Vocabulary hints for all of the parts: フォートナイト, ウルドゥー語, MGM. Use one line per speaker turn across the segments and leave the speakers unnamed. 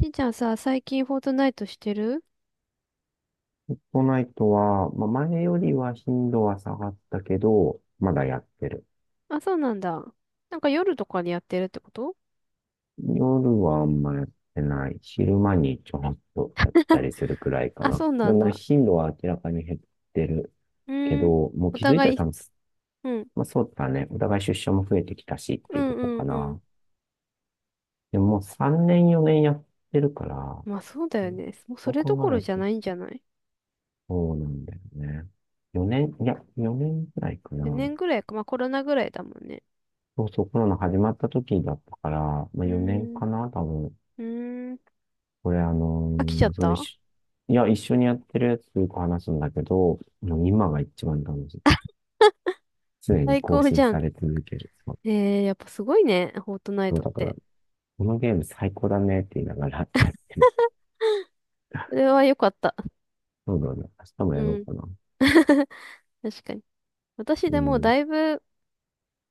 しんちゃんさ、最近フォートナイトしてる？
フォートナイトは、まあ、前よりは頻度は下がったけど、まだやってる。
あ、そうなんだ。なんか夜とかにやってるってこと？
夜はあんまやってない。昼間にちょっとやったりするくらいか
あ、
な。
そうな
で
ん
も、
だ。
頻度は明らかに減ってる
う
け
ーん。
ど、もう
お
気づいた
互
ら多
い、
分、
うん。
まあ、そうだね。お互い出社も増えてきたしっ
う
ていうとこ
んうん
か
うん。
な。でも、もう3年4年やってるから、
まあそうだよね。もうそ
そう
れどこ
考え
ろ
る
じゃ
と、
ないんじゃない？
そうなんだよね。4年、いや、4年くらいか
4
な。
年ぐらいか。まあコロナぐらいだもんね。
そうそう、コロナ始まった時だったから、まあ、
う
4年
ーん。
かな、多分。
うーん。
これ、あの
飽きちゃっ
ーその一
た？
緒、いや、一緒にやってるやつとよく話すんだけど、もう今が一番楽しい。常に
最
更
高じ
新
ゃん。
され続ける。そう、
やっぱすごいね。フォートナイ
そう
トっ
だから、
て。
このゲーム最高だねって言いながらやってる。
それは良かった。
そうだね。明日もや
う
ろう
ん。
かな。
確かに。私
う
でも
ん。
だいぶ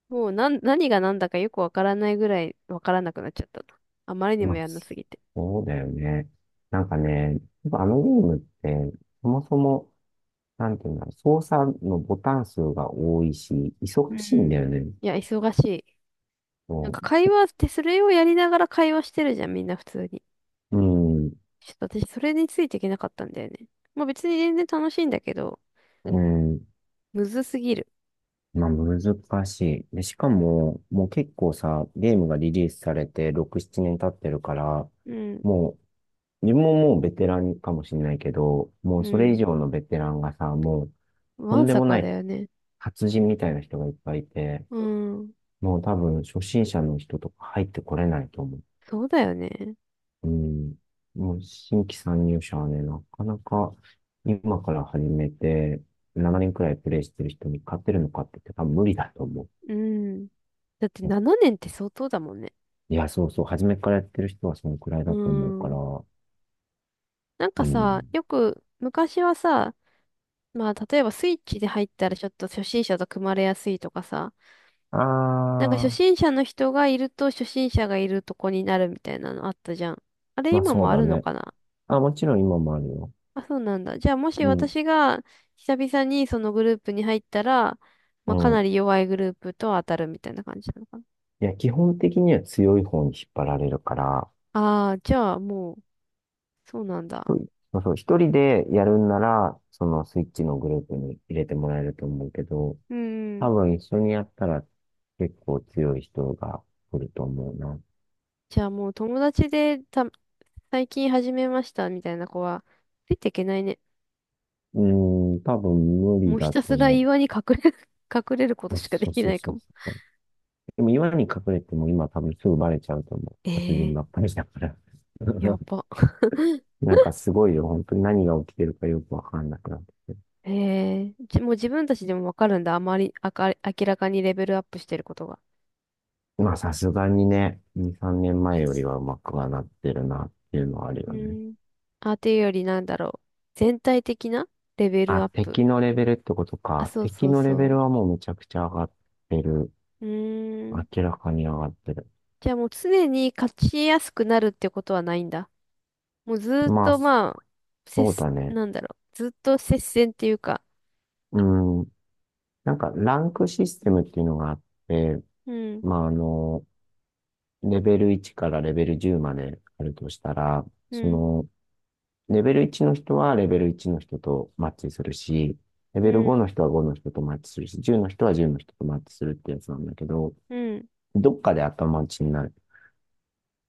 もう何が何だかよくわからないぐらいわからなくなっちゃったな。あまりに
ま
も
あ、
やんなすぎて。
そうだよね。なんかね、やっぱあのゲームって、そもそも、なんていうんだろう、操作のボタン数が多いし、忙
う
しいん
ん。
だよね。
いや、忙しい。なん
そ
か
う
会話ってそれをやりながら会話してるじゃん、みんな普通に。
うん、
ちょっと私それについていけなかったんだよね。まあ別に全然楽しいんだけど、
うん、
むずすぎる。
まあ難しい。で、しかも、もう結構さ、ゲームがリリースされて6、7年経ってるから、
うん、
もう、自分ももうベテランかもしれないけど、もう
う
それ以
ん。
上のベテランがさ、もう、と
わ
ん
ん
で
さ
も
か
な
だ
い
よね。
達人みたいな人がいっぱいいて、
うん。
もう多分初心者の人とか入ってこれないと思う。
そうだよね。
うん。もう新規参入者はね、なかなか今から始めて、7年くらいプレイしてる人に勝てるのかって言って多分無理だと思う。
うん。だって7年って相当だもんね。
いや、そうそう。初めからやってる人はそのくらい
う
だと思うから。
ん。なんか
う
さ、
ん。
よく昔はさ、まあ、例えばスイッチで入ったらちょっと初心者と組まれやすいとかさ。なんか初
ああ、
心者の人がいると初心者がいるとこになるみたいなのあったじゃん。あれ
まあ
今
そう
もあ
だ
るの
ね。
かな？
あ、もちろん今もあるよ。
あ、そうなんだ。じゃあもし
うん、
私が久々にそのグループに入ったら、ま
う
あかな
ん。
り弱いグループと当たるみたいな感じなのかな。
いや、基本的には強い方に引っ張られるから、
ああ、じゃあもう、そうなん
一
だ。
人、そうそう、一人でやるんなら、そのスイッチのグループに入れてもらえると思うけど、
うー
多
ん。
分一緒にやったら結構強い人が来ると思うな。
じゃあもう友達でた、最近始めましたみたいな子は、ついていけないね。
うーん、多分無理
もうひ
だ
た
と
すら
思
岩に隠れ、隠れること
う。
しかで
そう
き
そ
な
う
いか
そう
も。
そう。でも岩に隠れても今多分すぐバレちゃうと思う。殺人
ええ
ばっかりだから。
ーや ば。
なんかすごいよ。本当に何が起きてるかよくわかんなくなってきて。
ええーじもう自分たちでもわかるんだ。あまり、あか、明らかにレベルアップしてることが。
まあさすがにね、2、3年前よりはうまくはなってるなっていうのはあるよ
う
ね。
ん。あ、というよりなんだろう。全体的なレベル
あ、
アップ。
敵のレベルってこと
あ、
か。
そうそ
敵
う
のレベル
そ
はもうめちゃくちゃ上がってる。
う。うーん。
明らかに上がってる。
じゃあもう常に勝ちやすくなるってことはないんだ。もうずーっ
まあ、
とまあ、
そうだね。
なんだろう。ずっと接戦っていうか。
うん。なんかランクシステムっていうのがあって、
うん、
まあレベル1からレベル10まであるとしたら、
う
そ
ん、
の、レベル1の人はレベル1の人とマッチするし、レ
う
ベル5
ん、
の人は5の人とマッチするし、10の人は10の人とマッチするってやつなんだけど、
うん。
どっかで頭打ちになる。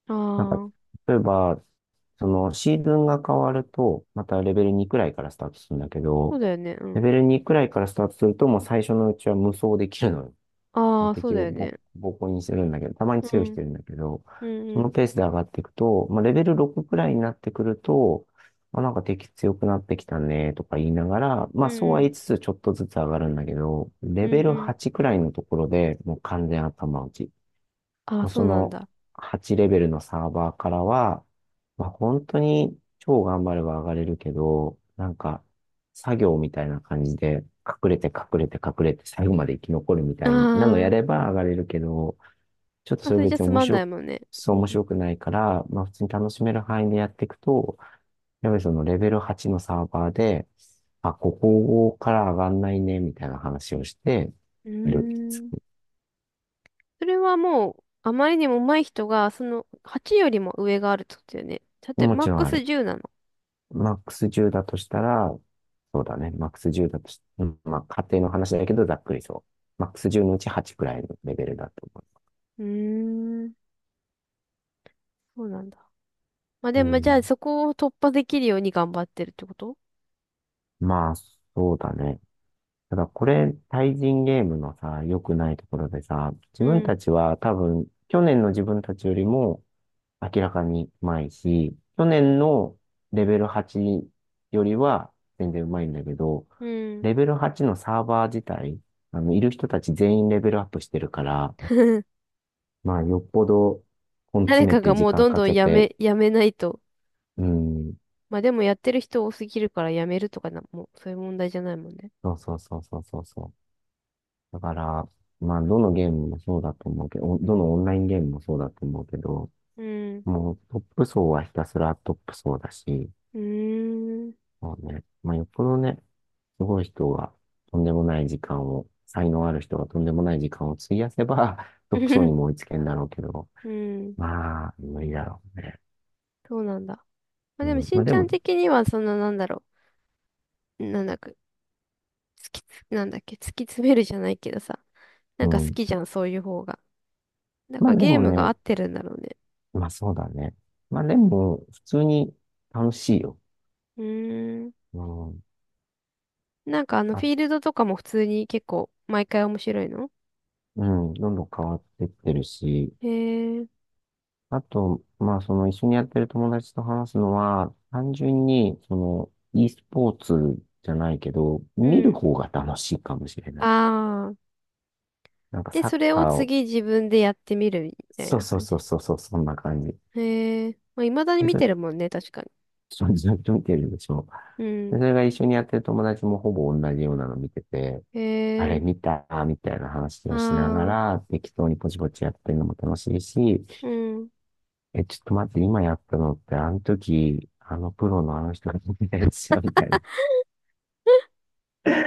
あ
なんか、
あ。
例えば、そのシーズンが変わると、またレベル2くらいからスタートするんだけ
そう
ど、
だよね。う
レ
ん。
ベル2くらいからスタートすると、もう最初のうちは無双できるのよ。も
あ
う
あ、そう
敵を
だよ
ボ、
ね。
ボコボコにするんだけど、たまに
う
強いし
ん。
てるんだけど、
うん
そ
う
の
ん。
ペースで上がっていくと、まあ、レベル6くらいになってくると、あ、なんか敵強くなってきたねとか言いながら、ま
う
あ
ん
そう
う
は言い
ん。
つつちょっとずつ上がるんだけど、
う
レ
ん
ベル
うん。
8くらいのところでもう完全頭打ち。
ああ、
まあ
そ
そ
うなん
の
だ。
8レベルのサーバーからは、まあ、本当に超頑張れば上がれるけど、なんか作業みたいな感じで隠れて隠れて隠れて最後まで生き残るみ
あ
たいなのや
あ。
れば上がれるけど、ちょっと
あ、
それ
それじゃ
別に
つ
面
まんな
白
い
く、
もんね。
そう
う
面
ん。
白くないから、まあ普通に楽しめる範囲でやっていくと、やっぱりそのレベル8のサーバーで、あ、ここから上がんないね、みたいな話をして
う
る。
ーん。それはもう、あまりにも上手い人が、その、8よりも上があるってことだよね。だって、
も
マッ
ちろ
ク
んあ
ス
る。
10なの。
マックス10だとしたら、そうだね。マックス10だとし、うんまあ、家庭の話だけど、ざっくりそう。マックス10のうち8くらいのレベルだと思
うーん。そうなんだ。まあ
う。
で
う
も、じゃあ
ん。
そこを突破できるように頑張ってるってこと？
まあ、そうだね。ただ、これ、対人ゲームのさ、良くないところでさ、
う
自分た
ん。
ちは多分、去年の自分たちよりも明らかにうまいし、去年のレベル8よりは全然うまいんだけど、
うん。
レベル8のサーバー自体、いる人たち全員レベルアップしてるから、まあ、よっぽど根
誰
詰め
か
て
が
時
もう
間
どん
か
どん
けて、
やめないと。
うん、
まあでもやってる人多すぎるからやめるとかな、もうそういう問題じゃないもんね。
そうそうそうそうそうそう。だから、まあ、どのゲームもそうだと思うけど、どのオンラインゲームもそうだと思うけど、
うん。
もうトップ層はひたすらトップ層だし、
うーん。
そうね。まあ、よっぽどね、すごい人がとんでもない時間を、才能ある人がとんでもない時間を費やせば、トップ層にも追い つけんだろうけど、
うん。
まあ、無理だろうね。
そうなんだ。まあでも
うん、
し
ま
ん
あで
ちゃん
も、
的にはそんななんだろう。なんだか、突きつ、なんだっけ、突き詰めるじゃないけどさ。な
う
んか好
ん、
きじゃん、そういう方が。なん
ま
か
あで
ゲー
も
ムが合
ね、
ってるんだろうね。
まあそうだね。まあでも、普通に楽しいよ。
うーん。
うん。
なんかあのフ
あ、
ィールドとかも普通に結構毎回面白いの？
うん、どんどん変わってってるし、
へえ。
あと、まあその一緒にやってる友達と話すのは、単純に、その、e スポーツじゃないけど、
う
見る
ん。
方が楽しいかもしれない。
ああ。
なんか
で、
サッ
それを
カーを、
次自分でやってみるみたい
そう
な
そう
感じ。
そうそうそう、そんな感じ。
へえ。まあ、未だに
で、
見
そ
てるもんね、確かに。
そずっと見てるでしょ。
うん。
で、それが一緒にやってる友達もほぼ同じようなの見てて、
へ
あれ
え。
見たみたいな話
あ
をしなが
あ、
ら、適当にポチポチやってるのも楽しいし、
うん。
え、ちょっと待って、今やったのって、あの時、あのプロのあの人が見たやつじゃんみたいな。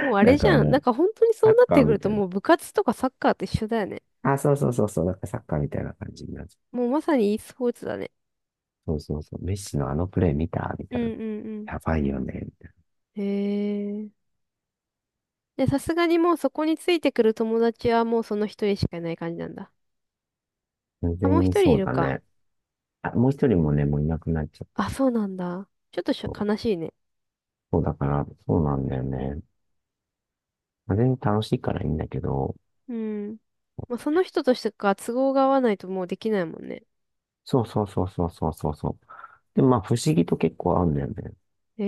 もう あ
な
れ
ん
じ
か
ゃん。
も
なん
う、
か本当にそ
サ
う
ッ
なっ
カ
て
ー
く
み
る
た
と
いな。
もう部活とかサッカーと一緒だよね。
あ、そうそうそうそう、なんかサッカーみたいな感じになっち
もうまさに e スポーツだね。
ゃう。そうそうそう、メッシのあのプレー見たみ
う
た
ん
いな。
うん
やばいよね。みたい
うん。へえ。で、さすがにもうそこについてくる友達はもうその一人しかいない感じなんだ。
な完全
あ、もう一
然に
人い
そう
る
だ
か。
ね。あ、もう一人もね、もういなくなっちゃった。
あ、そうなんだ。ちょっと悲しいね。
そうだから、そうなんだよね。全然楽しいからいいんだけど、
うん。まあ、その人としてか都合が合わないともうできないもんね。
そうそうそうそうそうそうそう。でまあ不思議と結構合うんだよね。
へ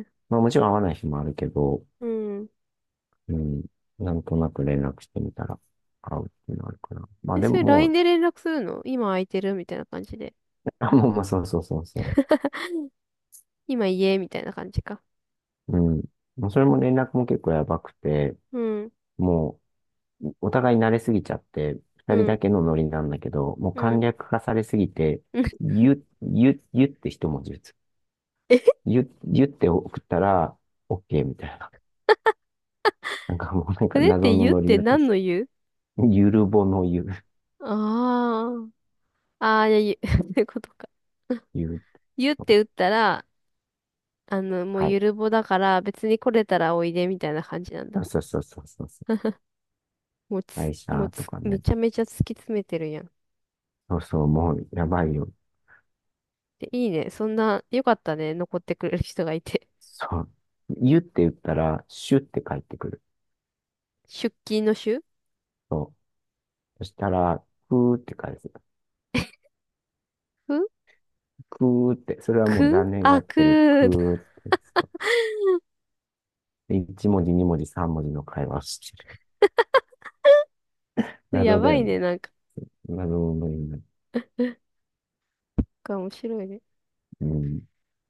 え。
まあもちろん合わない日もあるけど、
うん。
うん、なんとなく連絡してみたら合うっていうのあるから。まあ
え、
で
そ
も
れ
も
LINE
う、
で連絡するの今空いてるみたいな感じで。
あ、もうまあそうそうそうそ
今家みたいな感じか。
う。うん。もうそれも連絡も結構やばくて、
うん、
もうお互い慣れすぎちゃって、二
う
人
ん、
だけのノリなんだけど、もう
う
簡
ん。
略化されすぎて、
うん
ゆ、ゆ、ゆって一文字打つ。
え、
ゆ、ゆって送ったら、OK みたいな。なんかもうなん
そ
か
れっ
謎
て
の
言っ
ノリに
て
なってき
何
て
の言う？
ゆるぼのゆ、
ああ、ああー、いや、言う そことか。
ゆる
言って打ったら、あの、もう
はい。
ゆるぼだから別に来れたらおいでみたいな感じなん
そ
だ。
うそうそうそうそう。
もうつ、
会
もう
社と
つ、
か
め
ね。
ちゃめちゃ突き詰めてるやん。
そうそう、もうやばいよ。
で、いいね。そんな、よかったね。残ってくれる人がいて。
そう。ゆって言ったら、シュって返ってくる。
出勤の週
そう。そしたら、くーって返す。
ふ
くーって、それはもう
く
残念が
あ、
ってる。く
く
ーって。そうで一文字、二文字、三文字の会話をしてる。
や
謎だ
ば
よ
い
ね。
ね、なんか。
謎のような。
面白いね。
うん。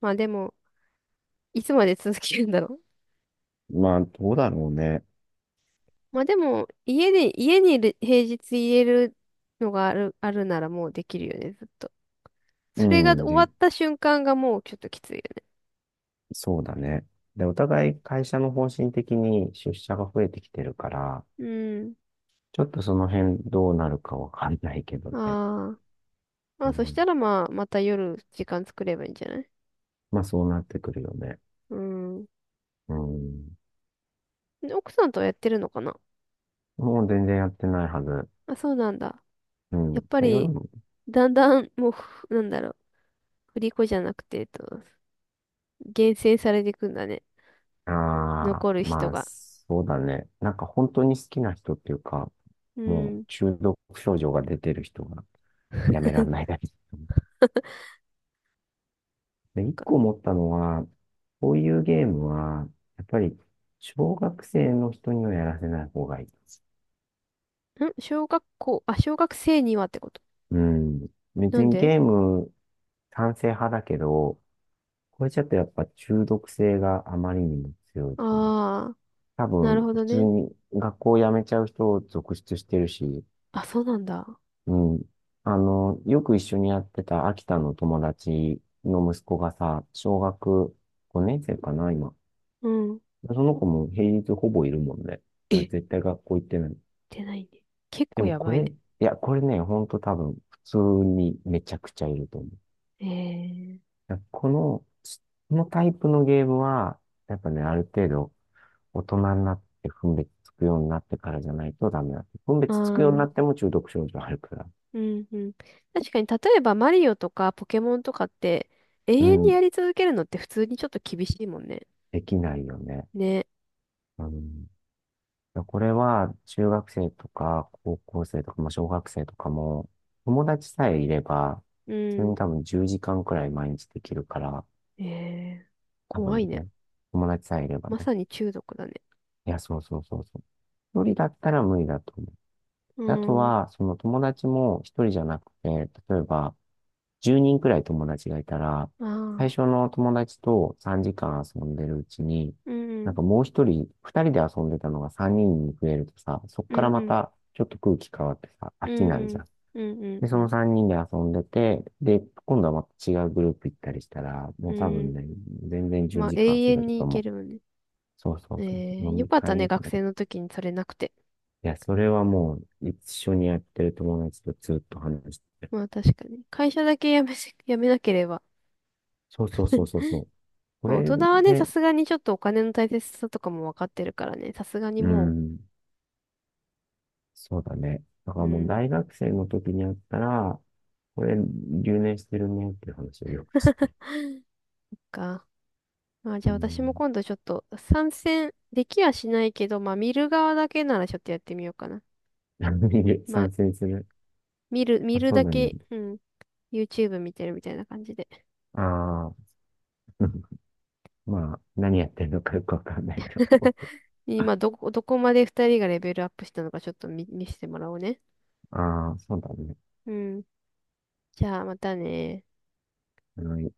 まあでも、いつまで続けるんだろう。
まあ、どうだろうね。
まあでも、家にいる平日言えるのがあるならもうできるよね、ずっと。
う
それが終
ん。
わっ
で、
た瞬間がもうちょっときついよね。
そうだね。で、お互い会社の方針的に出社が増えてきてるから、
う
ちょっとその辺どうなるかわかんないけど
ん。
ね。
ああ。ま
う
あそし
ん、
たらまあ、また夜時間作ればいいんじゃない？
まあそうなってくるよね。
うん。
うん、
奥さんとはやってるのかな？
もう全然やってないはず。
あ、そうなんだ。
う
やっぱ
ん、夜
り、
も、
だんだん、もうふ、なんだろう。振り子じゃなくて、えっと、厳選されていくんだね。
ああ、
残る人
まあ
が。
そうだね。なんか本当に好きな人っていうか、
う
もう
ん。
中毒症状が出てる人がやめらんないだけ。で、一個思ったのは、こういうゲームは、やっぱり、小学生の人にはやらせない方がいい。
小学生にはってこと？
うん。
な
別
ん
に
で？
ゲーム、賛成派だけど、これちょっとやっぱ中毒性があまりにも強いと思う。
ああ
多
ー、な
分、
るほど
普通
ね。
に学校を辞めちゃう人を続出してるし、
あ、そうなんだ。
うん。よく一緒にやってた秋田の友達の息子がさ、小学5年生かな、今。
うん。
その子も平日ほぼいるもんね。だから
え、
絶対学校行ってない。
出ないね。結
で
構
も
や
こ
ばい
れ、い
ね。
や、これね、ほんと多分、普通にめちゃくちゃいると思う。
ええ
だからこの、このタイプのゲームは、やっぱね、ある程度、大人になって分別つくようになってからじゃないとダメだって。分
ああ
別つくようにな
ー、
っても中毒症状あるから。
うん、うん。確かに、例えばマリオとかポケモンとかって、永
う
遠に
ん、
やり続けるのって普通にちょっと厳しいもんね。
できないよね。
ね。
うん。これは中学生とか高校生とか、まあ、小学生とかも友達さえいれば、
う
それに
ん。
多分10時間くらい毎日できるから、
ええ
多
怖
分
いね。
ね、友達さえいれば
ま
ね。
さに中毒だね。
いや、そうそうそうそう。一人だったら無理だと思う。
う
であと
ん。
は、その友達も一人じゃなくて、例えば10人くらい友達がいたら、最
あ
初
あ、
の友達と3時間遊んでるうちに、
う
なん
ん、
かもう一人、二人で遊んでたのが3人に増えるとさ、そっ
う
から
ん、う
ま
ん、
たちょっと空気変わってさ、
う
飽きない
ん、う
じゃ
ん、
ん。
うん、うん、
で、
う
その
ん。
3人で遊んでて、で、今度はまた違うグループ行ったりしたら、
う
もう多分
ん
ね、全然10
まあ、
時間
永
遊べ
遠
る
に
と
行
思
け
う。
るもんね。
そうそ
え
うそうそう。
ー、
飲
よ
み
かった
会
ね、
みたい
学
な
生の時にそれなくて。
いや、それはもう、一緒にやってる友達とずっと話してる。
まあ、確かに。会社だけ辞めなければ。
そうそうそうそうそう。こ
まあ、大
れ
人はね、さ
で、
すがにちょっとお金の大切さとかもわかってるからね、さすがに
う
も
ん、そうだね。だか
う、う
らもう
ん、
大学生の時にやったら、これ留年してるねっていう話をよくしてる。
か。まあ、
う
じゃあ私も
ん。
今度ちょっと参戦できはしないけど、まあ、見る側だけならちょっとやってみようかな。まあ、
賛成する。
見
あ、
る
そ
だ
うだね。
け、うん、YouTube 見てるみたいな感じで。
ああ、まあ、何やってるのかよくわかんないと思う。
今、どこまで二人がレベルアップしたのかちょっと見せてもらおうね。
ああ、そうだね。
うん。じゃあまたね。
あの。